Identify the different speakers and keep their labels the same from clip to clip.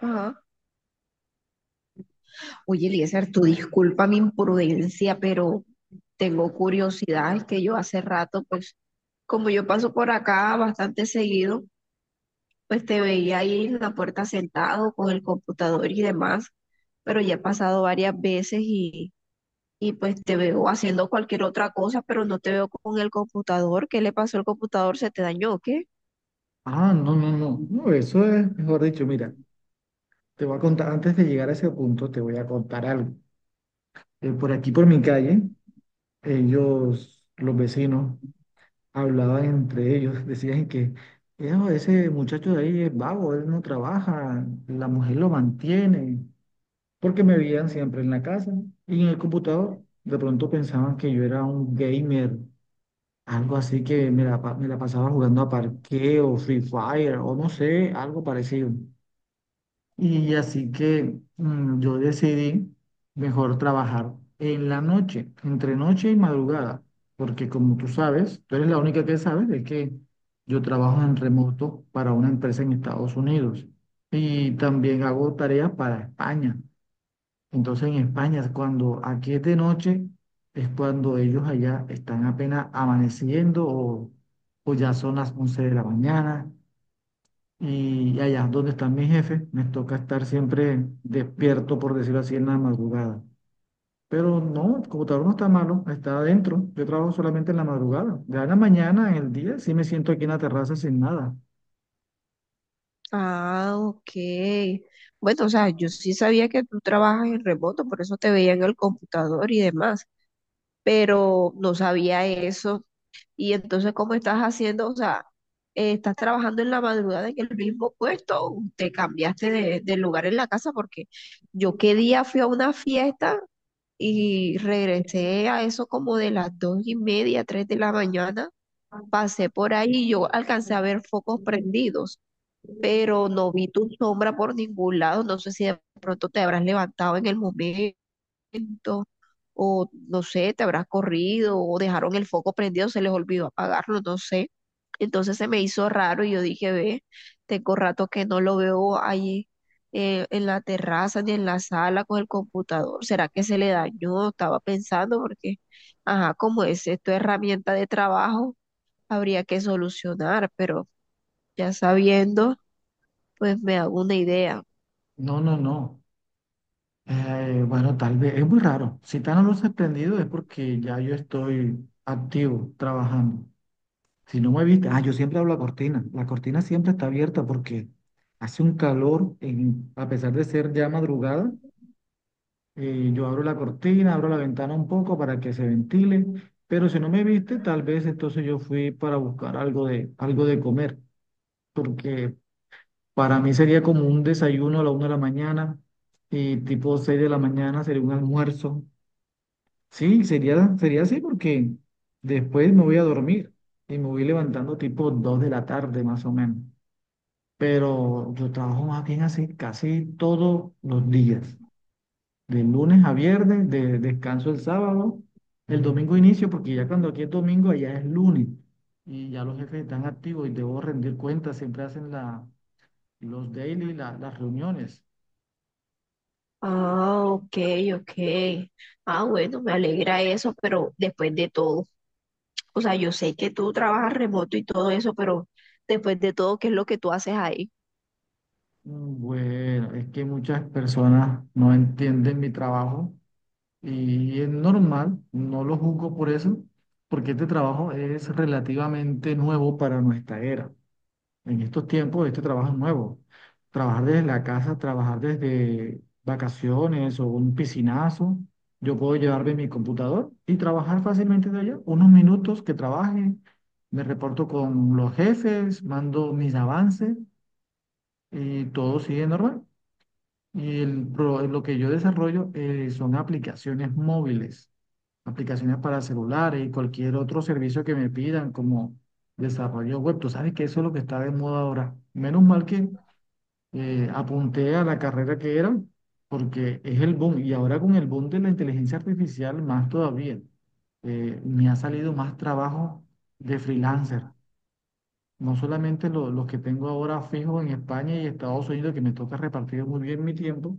Speaker 1: Ajá. Oye, Eliezer, tú disculpa mi imprudencia, pero tengo curiosidad. Es que yo hace rato, pues, como yo paso por acá bastante seguido, pues te veía ahí en la puerta sentado con el computador y demás, pero ya he pasado varias veces y pues te veo haciendo cualquier otra cosa, pero no te veo con el computador. ¿Qué le pasó al computador? ¿Se te dañó o qué?
Speaker 2: Ah, no. eso es, mejor dicho, mira, te voy a contar, antes de llegar a ese punto, te voy a contar algo. Por aquí, por mi calle, ellos, los vecinos, hablaban entre ellos, decían que "Ejo, ese muchacho de ahí es vago, él no trabaja, la mujer lo mantiene", porque me veían siempre en la casa y en el computador. De pronto pensaban que yo era un gamer, algo así, que me la pasaba jugando a parqueo, Free Fire o no sé, algo parecido. Y así que yo decidí mejor trabajar en la noche, entre noche y madrugada, porque como tú sabes, tú eres la única que sabes, es que yo trabajo en remoto para una empresa en Estados Unidos y también hago tareas para España. Entonces en España, cuando aquí es de noche, es cuando ellos allá están apenas amaneciendo o ya son las 11 de la mañana, y allá donde están mis jefes, me toca estar siempre despierto, por decirlo así, en la madrugada. Pero no, el computador no está malo, está adentro. Yo trabajo solamente en la madrugada. Ya en la mañana, en el día, sí me siento aquí en la terraza sin nada.
Speaker 1: Ah, ok. Bueno, o sea, yo sí sabía que tú trabajas en remoto, por eso te veía en el computador y demás, pero no sabía eso. Y entonces, ¿cómo estás haciendo? O sea, estás trabajando en la madrugada en el mismo puesto, o te cambiaste de lugar en la casa, porque yo qué día fui a una fiesta y regresé a eso como de las 2:30, 3 de la mañana, pasé por ahí y yo alcancé a ver focos prendidos, pero no vi tu sombra por ningún lado. No sé si de pronto te habrás levantado en el momento o no sé, te habrás corrido o dejaron el foco prendido, se les olvidó apagarlo, no sé. Entonces se me hizo raro y yo dije, ve, tengo rato que no lo veo ahí, en la terraza ni en la sala con el computador. ¿Será que se le dañó? Estaba pensando porque, ajá, como es esto herramienta de trabajo, habría que solucionar, pero ya sabiendo, pues me hago una idea.
Speaker 2: No. Bueno, tal vez, es muy raro. Si están las luces prendidas es porque ya yo estoy activo, trabajando. Si no me viste, ah, yo siempre hablo a cortina. La cortina siempre está abierta porque hace un calor, a pesar de ser ya madrugada. Yo abro la cortina, abro la ventana un poco para que se ventile, pero si no me viste, tal vez entonces yo fui para buscar algo de comer, porque para mí sería como un desayuno a la 1 de la mañana y tipo 6 de la mañana sería un almuerzo. Sí, sería así, porque después me voy a dormir y me voy levantando tipo 2 de la tarde más o menos, pero yo trabajo más bien así casi todos los días, de lunes a viernes, de descanso el sábado, el domingo inicio, porque ya cuando aquí es domingo, allá es lunes, y ya los jefes están activos y debo rendir cuentas, siempre hacen los daily, las reuniones.
Speaker 1: Ah, ok, ok. Ah, bueno, me alegra eso, pero después de todo. O sea, yo sé que tú trabajas remoto y todo eso, pero después de todo, ¿qué es lo que tú haces ahí?
Speaker 2: Bueno, es que muchas personas no entienden mi trabajo y es normal, no lo juzgo por eso, porque este trabajo es relativamente nuevo para nuestra era. En estos tiempos, este trabajo es nuevo. Trabajar desde la casa, trabajar desde vacaciones o un piscinazo. Yo puedo llevarme mi computador y trabajar fácilmente de allá. Unos minutos que trabaje, me reporto con los jefes, mando mis avances y todo sigue normal. Y lo que yo desarrollo, son aplicaciones móviles, aplicaciones para celulares y cualquier otro servicio que me pidan, como desarrollo web. Tú sabes que eso es lo que está de moda ahora. Menos mal que apunté a la carrera que era, porque es el boom. Y ahora con el boom de la inteligencia artificial, más todavía. Me ha salido más trabajo de freelancer. No solamente los que tengo ahora fijos en España y Estados Unidos, que me toca repartir muy bien mi tiempo,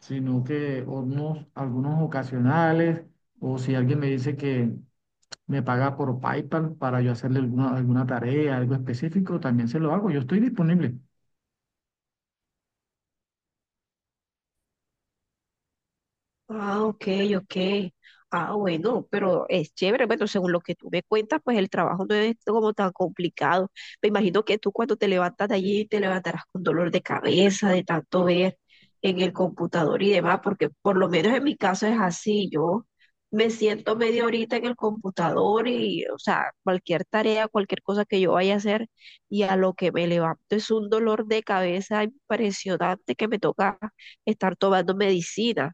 Speaker 2: sino algunos ocasionales, o si alguien me dice que me paga por PayPal para yo hacerle alguna tarea, algo específico, también se lo hago, yo estoy disponible.
Speaker 1: Ah, ok, ok. Ah, bueno, pero es chévere. Bueno, según lo que tú me cuentas, pues el trabajo no es como tan complicado. Me imagino que tú cuando te levantas de allí te levantarás con dolor de cabeza, de tanto ver en el computador y demás, porque por lo menos en mi caso es así. Yo me siento media horita en el computador y, o sea, cualquier tarea, cualquier cosa que yo vaya a hacer, y a lo que me levanto es un dolor de cabeza impresionante que me toca estar tomando medicina.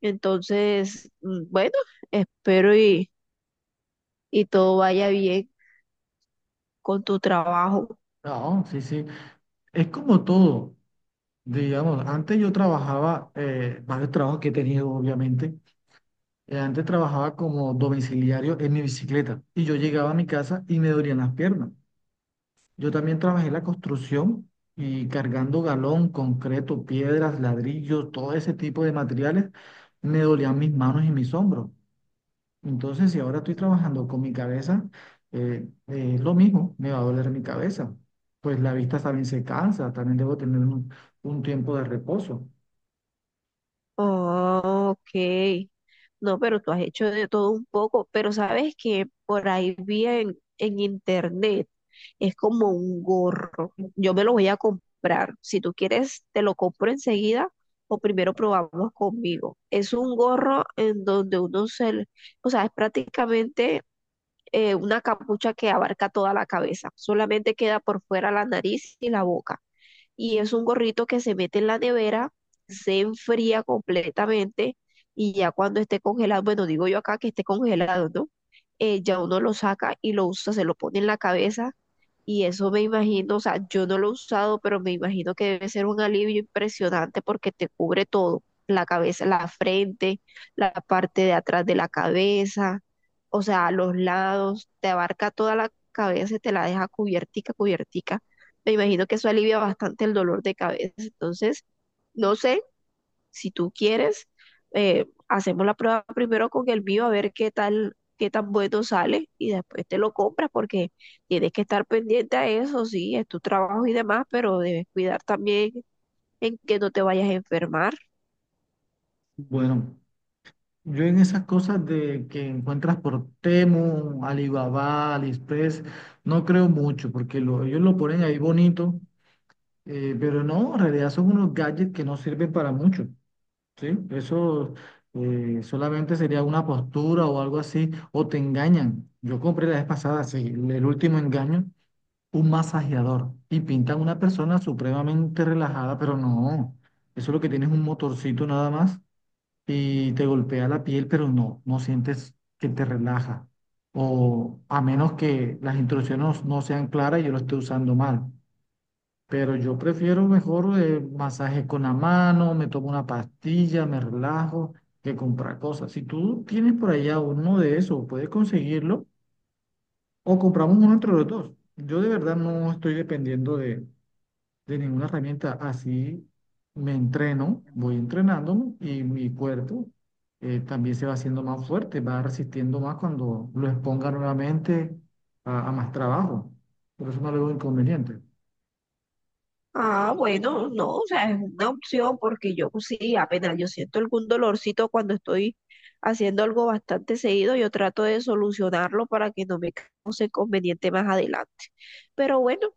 Speaker 1: Entonces, bueno, espero y todo vaya bien con tu trabajo.
Speaker 2: No, sí, sí. Es como todo. Digamos, antes yo trabajaba, varios trabajos que he tenido, obviamente. Antes trabajaba como domiciliario en mi bicicleta y yo llegaba a mi casa y me dolían las piernas. Yo también trabajé en la construcción y cargando galón, concreto, piedras, ladrillos, todo ese tipo de materiales, me dolían mis manos y mis hombros. Entonces, si ahora estoy trabajando con mi cabeza, es lo mismo, me va a doler mi cabeza. Pues la vista también se cansa, también debo tener un tiempo de reposo.
Speaker 1: Oh, ok. No, pero tú has hecho de todo un poco, pero sabes que por ahí vi en internet, es como un gorro. Yo me lo voy a comprar. Si tú quieres, te lo compro enseguida o primero probamos conmigo. Es un gorro en donde uno o sea, es prácticamente una capucha que abarca toda la cabeza, solamente queda por fuera la nariz y la boca. Y es un gorrito que se mete en la nevera, se enfría completamente y ya cuando esté congelado, bueno, digo yo acá que esté congelado, ¿no? Ya uno lo saca y lo usa, se lo pone en la cabeza y eso me imagino, o sea, yo no lo he usado, pero me imagino que debe ser un alivio impresionante porque te cubre todo, la cabeza, la frente, la parte de atrás de la cabeza, o sea, los lados, te abarca toda la cabeza y te la deja cubiertica, cubiertica. Me imagino que eso alivia bastante el dolor de cabeza. Entonces, no sé, si tú quieres, hacemos la prueba primero con el mío a ver qué tal, qué tan bueno sale y después te lo compras porque tienes que estar pendiente a eso, sí, es tu trabajo y demás, pero debes cuidar también en que no te vayas a enfermar.
Speaker 2: Bueno, yo en esas cosas de que encuentras por Temu, Alibaba, AliExpress, no creo mucho, porque ellos lo ponen ahí bonito, pero no, en realidad son unos gadgets que no sirven para mucho. Sí, eso solamente sería una postura o algo así, o te engañan. Yo compré la vez pasada, sí, el último engaño, un masajeador, y pintan una persona supremamente relajada, pero no, eso lo que tienes es un motorcito nada más y te golpea la piel, pero no, no sientes que te relaja. O a menos que las instrucciones no sean claras y yo lo esté usando mal. Pero yo prefiero mejor masaje con la mano, me tomo una pastilla, me relajo, que comprar cosas. Si tú tienes por allá uno de esos, puedes conseguirlo o compramos uno entre los dos. Yo de verdad no estoy dependiendo de ninguna herramienta. Así me entreno, voy entrenándome y mi cuerpo también se va haciendo más fuerte, va resistiendo más cuando lo exponga nuevamente a más trabajo. Por eso no le veo inconveniente.
Speaker 1: Ah, bueno, no, o sea, es una opción porque yo pues, sí, apenas yo siento algún dolorcito cuando estoy haciendo algo bastante seguido, yo trato de solucionarlo para que no me cause inconveniente más adelante. Pero bueno.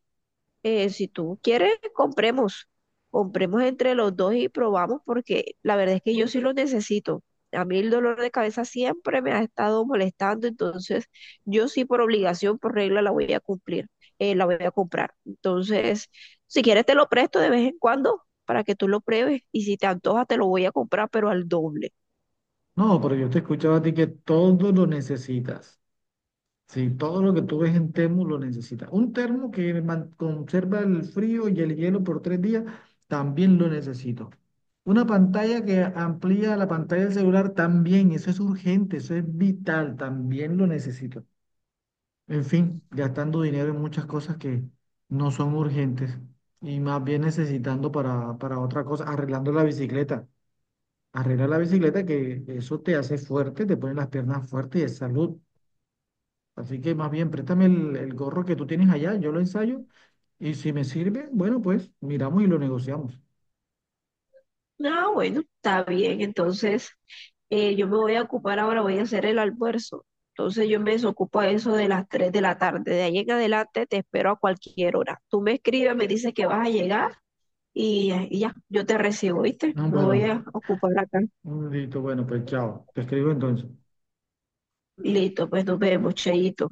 Speaker 1: Si tú quieres, compremos. Compremos entre los dos y probamos porque la verdad es que yo sí lo necesito. A mí el dolor de cabeza siempre me ha estado molestando, entonces yo sí por obligación, por regla, la voy a cumplir, la voy a comprar. Entonces, si quieres te lo presto de vez en cuando para que tú lo pruebes y si te antoja te lo voy a comprar, pero al doble.
Speaker 2: No, pero yo te escuchaba a ti que todo lo necesitas. Sí, todo lo que tú ves en termo lo necesitas. Un termo que conserva el frío y el hielo por 3 días, también lo necesito. Una pantalla que amplía la pantalla del celular, también. Eso es urgente, eso es vital, también lo necesito. En fin, gastando dinero en muchas cosas que no son urgentes y más bien necesitando para otra cosa, arreglando la bicicleta. Arreglar la bicicleta, que eso te hace fuerte, te pone las piernas fuertes y es salud. Así que más bien, préstame el gorro que tú tienes allá, yo lo ensayo y si me sirve, bueno, pues miramos y lo negociamos.
Speaker 1: Ah, bueno, está bien. Entonces, yo me voy a ocupar ahora, voy a hacer el almuerzo. Entonces, yo me desocupo a eso de las 3 de la tarde. De ahí en adelante te espero a cualquier hora. Tú me escribes, me dices que vas a llegar y ya, yo te recibo, ¿viste?
Speaker 2: Ah,
Speaker 1: Me voy
Speaker 2: bueno,
Speaker 1: a ocupar acá.
Speaker 2: un listo, bueno, pues chao, te escribo entonces.
Speaker 1: Listo, pues nos vemos, cheito.